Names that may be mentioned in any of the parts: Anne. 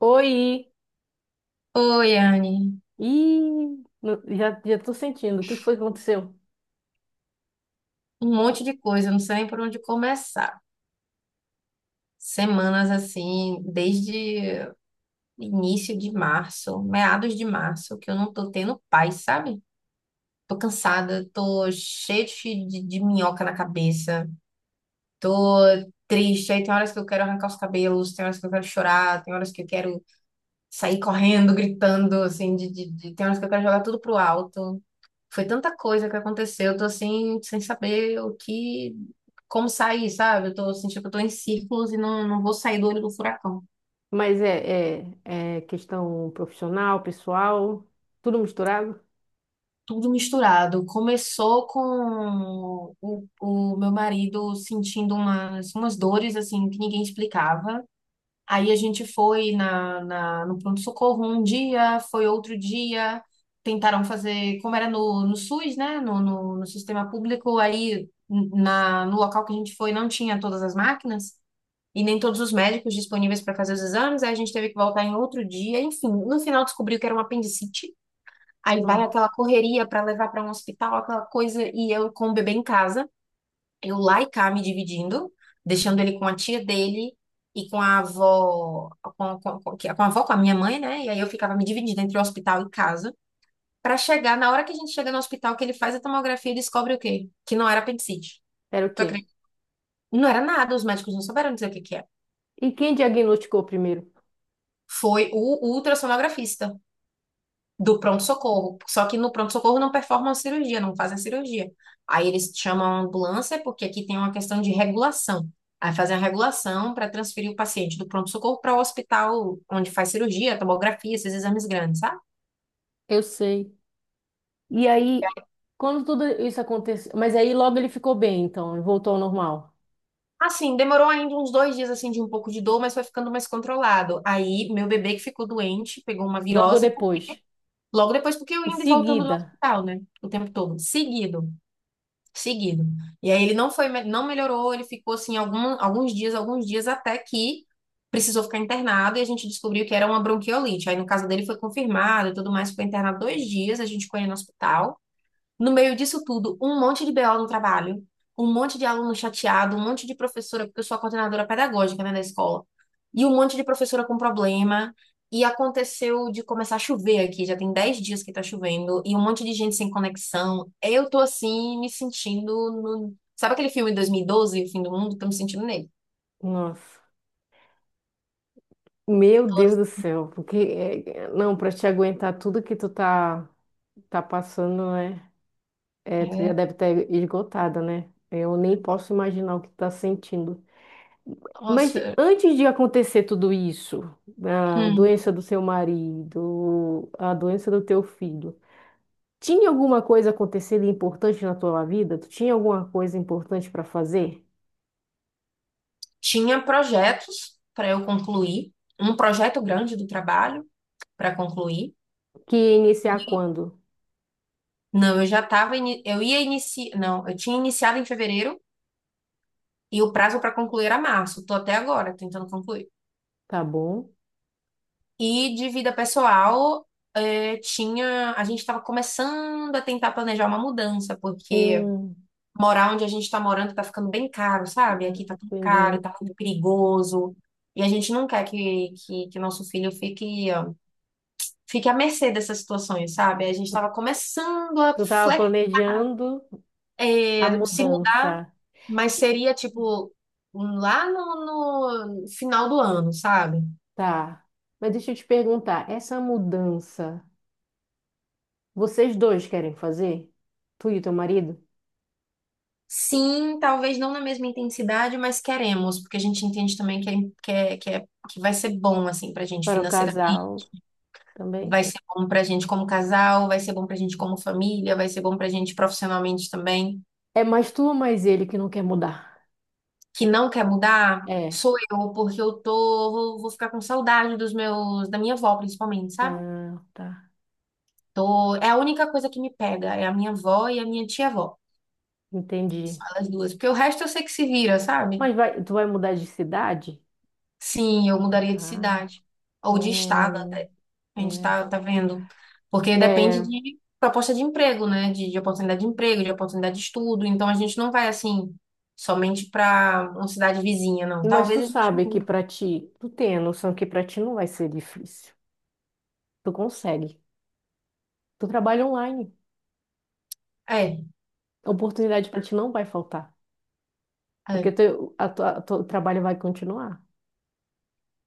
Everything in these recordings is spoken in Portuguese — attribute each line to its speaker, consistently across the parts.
Speaker 1: Oi!
Speaker 2: Oi, Anne.
Speaker 1: Ih, já tô sentindo. O que que foi que aconteceu?
Speaker 2: Um monte de coisa, não sei nem por onde começar. Semanas assim, desde início de março, meados de março, que eu não tô tendo paz, sabe? Tô cansada, tô cheia de minhoca na cabeça, tô triste. Aí tem horas que eu quero arrancar os cabelos, tem horas que eu quero chorar, tem horas que eu quero sair correndo, gritando, assim, tem horas que eu quero jogar tudo pro alto. Foi tanta coisa que aconteceu, eu tô assim, sem saber o que, como sair, sabe? Eu tô sentindo que eu tô em círculos e não vou sair do olho do furacão.
Speaker 1: Mas é questão profissional, pessoal, tudo misturado?
Speaker 2: Tudo misturado. Começou com o meu marido sentindo umas dores, assim, que ninguém explicava. Aí a gente foi no pronto-socorro um dia, foi outro dia. Tentaram fazer, como era no SUS, né? No sistema público, aí no local que a gente foi não tinha todas as máquinas, e nem todos os médicos disponíveis para fazer os exames. Aí a gente teve que voltar em outro dia, enfim, no final descobriu que era uma apendicite. Aí vai
Speaker 1: Não.
Speaker 2: aquela correria para levar para um hospital, aquela coisa, e eu com o bebê em casa, eu lá e cá me dividindo, deixando ele com a tia dele e com a avó, com a avó, com a minha mãe, né? E aí eu ficava me dividindo entre o hospital e casa, para chegar, na hora que a gente chega no hospital, que ele faz a tomografia e descobre o quê? Que não era apendicite.
Speaker 1: Era o
Speaker 2: Tu
Speaker 1: quê?
Speaker 2: acredita? Não era nada, os médicos não souberam dizer o que que é.
Speaker 1: E quem diagnosticou primeiro?
Speaker 2: Foi o ultrassonografista do pronto-socorro. Só que no pronto-socorro não performam a cirurgia, não fazem a cirurgia. Aí eles chamam a ambulância, porque aqui tem uma questão de regulação. Aí fazem a regulação para transferir o paciente do pronto-socorro para o hospital onde faz cirurgia, tomografia, esses exames grandes, sabe?
Speaker 1: Eu sei. E aí, quando tudo isso aconteceu. Mas aí logo ele ficou bem, então, ele voltou ao normal.
Speaker 2: Assim, demorou ainda uns 2 dias assim de um pouco de dor, mas foi ficando mais controlado. Aí meu bebê que ficou doente, pegou uma
Speaker 1: Logo
Speaker 2: virose,
Speaker 1: depois.
Speaker 2: logo depois, porque eu
Speaker 1: Em
Speaker 2: indo e voltando do
Speaker 1: seguida.
Speaker 2: hospital, né? O tempo todo, seguido. Seguido. E aí ele não foi, não melhorou, ele ficou assim alguns dias até que precisou ficar internado, e a gente descobriu que era uma bronquiolite. Aí no caso dele foi confirmado e tudo mais, ficou internado 2 dias, a gente foi no hospital. No meio disso tudo, um monte de BO no trabalho, um monte de aluno chateado, um monte de professora, porque eu sou a coordenadora pedagógica, né, da escola, e um monte de professora com problema. E aconteceu de começar a chover aqui, já tem 10 dias que tá chovendo, e um monte de gente sem conexão. Eu tô assim, me sentindo no... sabe aquele filme de 2012, O Fim do Mundo? Tô me sentindo nele.
Speaker 1: Nossa. Meu Deus do céu. Porque, não, para te aguentar tudo que tá passando, né? É, tu já
Speaker 2: É,
Speaker 1: deve ter esgotada, né? Eu nem posso imaginar o que tá sentindo. Mas
Speaker 2: nossa.
Speaker 1: antes de acontecer tudo isso, a
Speaker 2: Hum.
Speaker 1: doença do seu marido, a doença do teu filho, tinha alguma coisa acontecendo importante na tua vida? Tu tinha alguma coisa importante para fazer?
Speaker 2: Tinha projetos para eu concluir, um projeto grande do trabalho para concluir.
Speaker 1: Que ia iniciar quando?
Speaker 2: Não, eu ia iniciar, não, eu tinha iniciado em fevereiro e o prazo para concluir era março. Tô até agora tentando concluir.
Speaker 1: Tá bom?
Speaker 2: E de vida pessoal, tinha, a gente estava começando a tentar planejar uma mudança, porque
Speaker 1: Hum,
Speaker 2: morar onde a gente está morando tá ficando bem caro, sabe?
Speaker 1: ah,
Speaker 2: Aqui tá tão
Speaker 1: entendi.
Speaker 2: caro, tá tudo perigoso. E a gente não quer que nosso filho fique, ó, fique à mercê dessas situações, sabe? A gente estava começando a
Speaker 1: Tu tava
Speaker 2: fle-
Speaker 1: planejando a
Speaker 2: eh, se
Speaker 1: mudança,
Speaker 2: mas seria tipo um lá no final do ano, sabe?
Speaker 1: tá? Mas deixa eu te perguntar, essa mudança vocês dois querem fazer? Tu e o teu marido?
Speaker 2: Sim, talvez não na mesma intensidade, mas queremos, porque a gente entende também que vai ser bom assim pra gente
Speaker 1: Para o
Speaker 2: financeiramente,
Speaker 1: casal também?
Speaker 2: vai ser bom pra gente como casal, vai ser bom pra gente como família, vai ser bom pra gente profissionalmente também.
Speaker 1: É mais tu ou mais ele que não quer mudar?
Speaker 2: Que não quer mudar
Speaker 1: É.
Speaker 2: sou eu, porque eu vou ficar com saudade dos meus, da minha avó principalmente, sabe?
Speaker 1: Ah, tá.
Speaker 2: Tô, é a única coisa que me pega, é a minha avó e a minha tia-avó.
Speaker 1: Entendi.
Speaker 2: As duas. Porque o resto eu sei que se vira, sabe?
Speaker 1: Mas vai, tu vai mudar de cidade?
Speaker 2: Sim, eu mudaria de
Speaker 1: Tá.
Speaker 2: cidade. Ou de estado
Speaker 1: Hum,
Speaker 2: até. A gente
Speaker 1: é.
Speaker 2: tá vendo. Porque depende
Speaker 1: É,
Speaker 2: de proposta de emprego, né? De oportunidade de emprego, de oportunidade de estudo. Então a gente não vai assim, somente para uma cidade vizinha, não.
Speaker 1: mas tu
Speaker 2: Talvez a gente
Speaker 1: sabe que
Speaker 2: mude.
Speaker 1: pra ti, tu tem a noção que pra ti não vai ser difícil. Tu consegue. Tu trabalha online.
Speaker 2: É,
Speaker 1: Oportunidade pra ti não vai faltar. Porque
Speaker 2: é,
Speaker 1: teu trabalho vai continuar.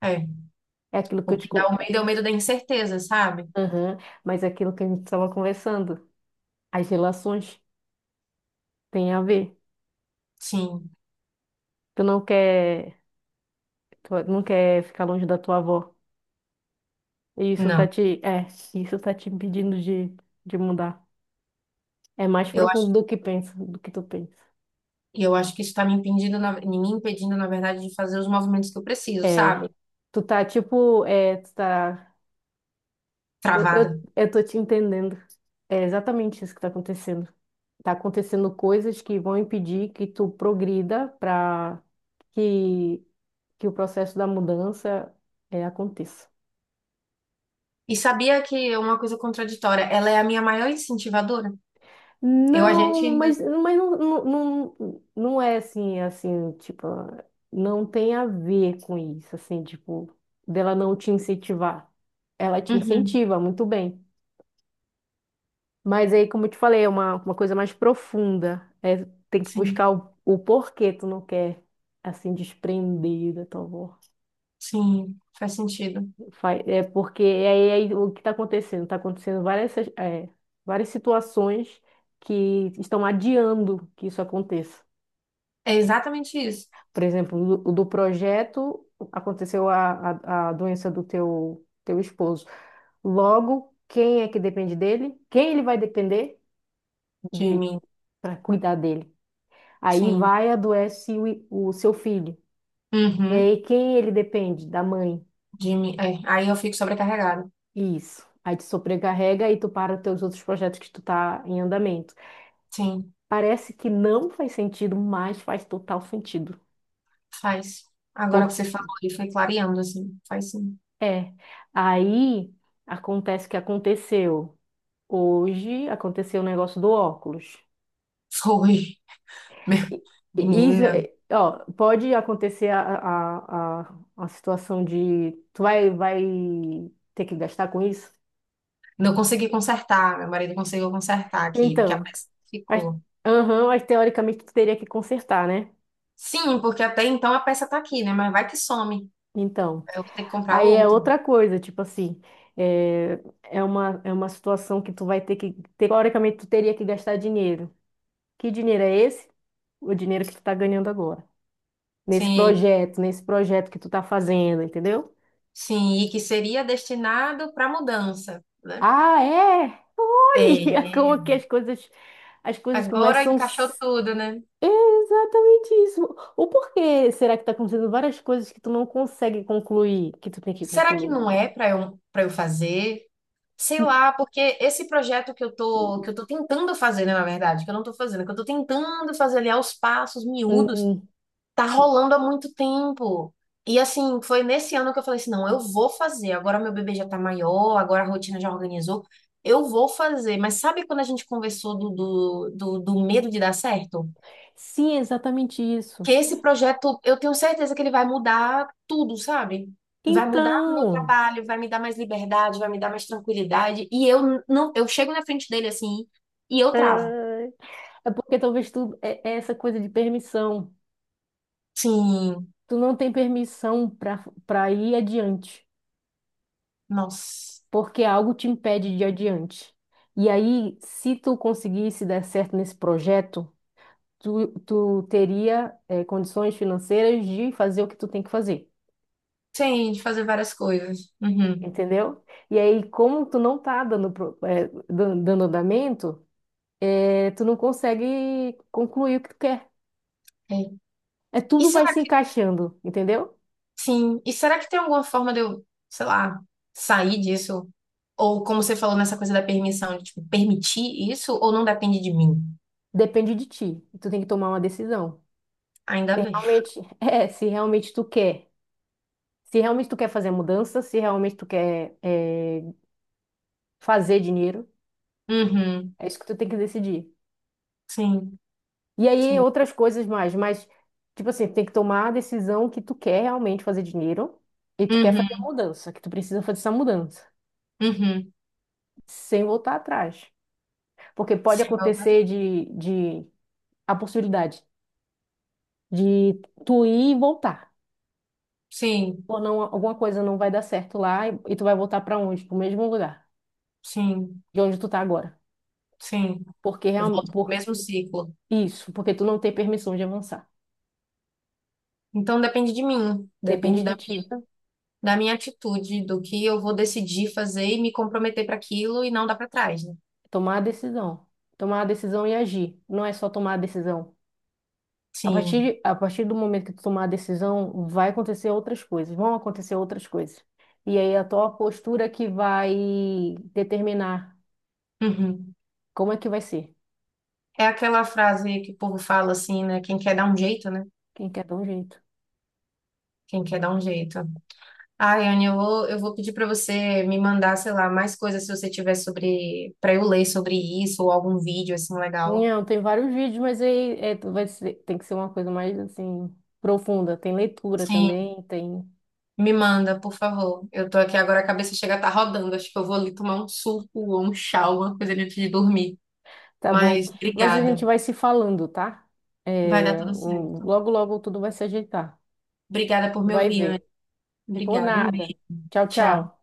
Speaker 2: é.
Speaker 1: É aquilo
Speaker 2: O
Speaker 1: que eu te,
Speaker 2: que dá
Speaker 1: co-
Speaker 2: o medo é o medo da incerteza, sabe?
Speaker 1: Aham. Mas é aquilo que a gente estava conversando, as relações têm a ver.
Speaker 2: Sim,
Speaker 1: Tu não quer, tu não quer ficar longe da tua avó. E
Speaker 2: não.
Speaker 1: isso tá te impedindo de mudar. É mais
Speaker 2: Eu acho,
Speaker 1: profundo do que pensa, do que tu pensa.
Speaker 2: eu acho que isso tá me impedindo, na verdade, de fazer os movimentos que eu preciso,
Speaker 1: É,
Speaker 2: sabe?
Speaker 1: tu tá, eu, eu,
Speaker 2: Travada.
Speaker 1: eu tô te entendendo. É exatamente isso que tá acontecendo. Tá acontecendo coisas que vão impedir que tu progrida para que, que o processo da mudança, é, aconteça.
Speaker 2: E sabia que é uma coisa contraditória, ela é a minha maior incentivadora. A gente
Speaker 1: Não,
Speaker 2: ainda.
Speaker 1: mas não, não é assim, assim, tipo, não tem a ver com isso, assim, tipo, dela não te incentivar. Ela te
Speaker 2: Uhum,
Speaker 1: incentiva, muito bem. Mas aí, como eu te falei, é uma coisa mais profunda. É, tem que
Speaker 2: sim,
Speaker 1: buscar o porquê tu não quer, assim, desprender da tua avó.
Speaker 2: sim, faz sentido.
Speaker 1: É porque é aí o que está acontecendo? Está acontecendo várias, é, várias situações que estão adiando que isso aconteça.
Speaker 2: É exatamente isso,
Speaker 1: Por exemplo, do projeto aconteceu a doença do teu esposo. Logo, quem é que depende dele? Quem ele vai depender de
Speaker 2: Jimmy.
Speaker 1: para cuidar dele? Aí
Speaker 2: Sim.
Speaker 1: vai adoece o seu filho. E
Speaker 2: Uhum,
Speaker 1: aí quem ele depende? Da mãe.
Speaker 2: Jimmy. É, aí eu fico sobrecarregada.
Speaker 1: Isso. Aí te sobrecarrega e tu para os teus outros projetos que tu tá em andamento.
Speaker 2: Sim,
Speaker 1: Parece que não faz sentido, mas faz total sentido.
Speaker 2: faz. Agora que
Speaker 1: Porque
Speaker 2: você falou, e foi clareando, assim, faz sim.
Speaker 1: é. Aí acontece o que aconteceu. Hoje aconteceu o negócio do óculos.
Speaker 2: Foi. Meu-
Speaker 1: E- e isso,
Speaker 2: Menina,
Speaker 1: ó, pode acontecer a, a situação de tu vai, vai ter que gastar com isso?
Speaker 2: não consegui consertar. Meu marido conseguiu consertar aqui, porque a
Speaker 1: Então,
Speaker 2: peça
Speaker 1: mas,
Speaker 2: ficou.
Speaker 1: aham, mas teoricamente tu teria que consertar, né?
Speaker 2: Sim, porque até então a peça tá aqui, né? Mas vai que some.
Speaker 1: Então,
Speaker 2: Aí eu vou ter que comprar
Speaker 1: aí é
Speaker 2: outra.
Speaker 1: outra coisa, tipo assim, é uma, é uma situação que tu vai ter que, teoricamente tu teria que gastar dinheiro. Que dinheiro é esse? O dinheiro que tu tá ganhando agora.
Speaker 2: Sim.
Speaker 1: Nesse projeto que tu tá fazendo, entendeu?
Speaker 2: Sim, e que seria destinado para mudança, né?
Speaker 1: Ah, é? Olha
Speaker 2: É,
Speaker 1: como que as coisas
Speaker 2: agora
Speaker 1: começam.
Speaker 2: encaixou tudo, né?
Speaker 1: Exatamente isso. O porquê será que está acontecendo várias coisas que tu não consegue concluir, que tu tem que
Speaker 2: Será que
Speaker 1: concluir?
Speaker 2: não é para eu fazer? Sei
Speaker 1: Hum,
Speaker 2: lá, porque esse projeto que eu tô tentando fazer, né, na verdade, que eu não tô fazendo, que eu tô tentando fazer ali aos passos miúdos,
Speaker 1: hum.
Speaker 2: tá rolando há muito tempo. E assim, foi nesse ano que eu falei assim, não, eu vou fazer. Agora meu bebê já tá maior, agora a rotina já organizou. Eu vou fazer, mas sabe quando a gente conversou do medo de dar certo?
Speaker 1: Sim, exatamente isso.
Speaker 2: Que esse projeto, eu tenho certeza que ele vai mudar tudo, sabe? Vai mudar o meu
Speaker 1: Então,
Speaker 2: trabalho, vai me dar mais liberdade, vai me dar mais tranquilidade. E eu não, eu chego na frente dele assim e eu travo.
Speaker 1: ai, é porque talvez é essa coisa de permissão.
Speaker 2: Sim,
Speaker 1: Tu não tem permissão para ir adiante,
Speaker 2: nossa.
Speaker 1: porque algo te impede de ir adiante. E aí, se tu conseguisse dar certo nesse projeto tu, tu teria condições financeiras de fazer o que tu tem que fazer,
Speaker 2: Sim, de fazer várias coisas. Uhum.
Speaker 1: entendeu? E aí, como tu não tá dando, dando andamento, tu não consegue concluir o que tu quer.
Speaker 2: É.
Speaker 1: É
Speaker 2: E
Speaker 1: tudo vai
Speaker 2: será
Speaker 1: se
Speaker 2: que,
Speaker 1: encaixando, entendeu?
Speaker 2: sim, e será que tem alguma forma de eu, sei lá, sair disso? Ou como você falou nessa coisa da permissão, de, tipo, permitir isso ou não depende de mim?
Speaker 1: Depende de ti. Tu tem que tomar uma decisão. Se
Speaker 2: Ainda bem.
Speaker 1: realmente, é, se realmente tu quer. Se realmente tu quer fazer a mudança, se realmente tu quer fazer dinheiro,
Speaker 2: Uhum.
Speaker 1: é isso que tu tem que decidir.
Speaker 2: Sim,
Speaker 1: E aí
Speaker 2: sim.
Speaker 1: outras coisas mais, mas tipo assim, tem que tomar a decisão que tu quer realmente fazer dinheiro e tu quer fazer a
Speaker 2: Uhum,
Speaker 1: mudança, que tu precisa fazer essa mudança,
Speaker 2: uhum.
Speaker 1: sem voltar atrás. Porque pode
Speaker 2: Sim,
Speaker 1: acontecer de a possibilidade de tu ir e voltar.
Speaker 2: sim,
Speaker 1: Ou não, alguma coisa não vai dar certo lá e tu vai voltar para onde? Para o mesmo lugar,
Speaker 2: sim.
Speaker 1: de onde tu tá agora.
Speaker 2: Sim.
Speaker 1: Porque
Speaker 2: Eu volto pro
Speaker 1: por
Speaker 2: mesmo ciclo.
Speaker 1: isso, porque tu não tem permissão de avançar.
Speaker 2: Então depende de mim,
Speaker 1: Depende
Speaker 2: depende
Speaker 1: de
Speaker 2: da,
Speaker 1: ti.
Speaker 2: da minha atitude, do que eu vou decidir fazer e me comprometer para aquilo e não dar para trás, né?
Speaker 1: Tomar a decisão. Tomar a decisão e agir. Não é só tomar a decisão.
Speaker 2: Sim.
Speaker 1: A partir do momento que tu tomar a decisão, vai acontecer outras coisas, vão acontecer outras coisas. E aí a tua postura que vai determinar
Speaker 2: Uhum.
Speaker 1: como é que vai ser.
Speaker 2: É aquela frase que o povo fala assim, né? Quem quer dar um jeito, né?
Speaker 1: Quem quer dar um jeito.
Speaker 2: Quem quer dar um jeito. Ai, Anne, eu vou pedir para você me mandar, sei lá, mais coisas se você tiver sobre, para eu ler sobre isso ou algum vídeo assim legal.
Speaker 1: Não, tem vários vídeos, mas aí é, tem que ser uma coisa mais assim profunda. Tem leitura
Speaker 2: Sim.
Speaker 1: também, tem.
Speaker 2: Me manda, por favor. Eu tô aqui agora, a cabeça chega a estar rodando. Acho que eu vou ali tomar um suco ou um chá, uma coisa ali antes de dormir.
Speaker 1: Tá bom.
Speaker 2: Mas
Speaker 1: Mas a
Speaker 2: obrigada.
Speaker 1: gente vai se falando, tá?
Speaker 2: Vai dar
Speaker 1: É,
Speaker 2: tudo certo.
Speaker 1: logo, logo tudo vai se ajeitar.
Speaker 2: Obrigada por me
Speaker 1: Vai
Speaker 2: ouvir,
Speaker 1: ver.
Speaker 2: Anne.
Speaker 1: Por
Speaker 2: Obrigada. Um beijo.
Speaker 1: nada. Tchau,
Speaker 2: Tchau.
Speaker 1: tchau.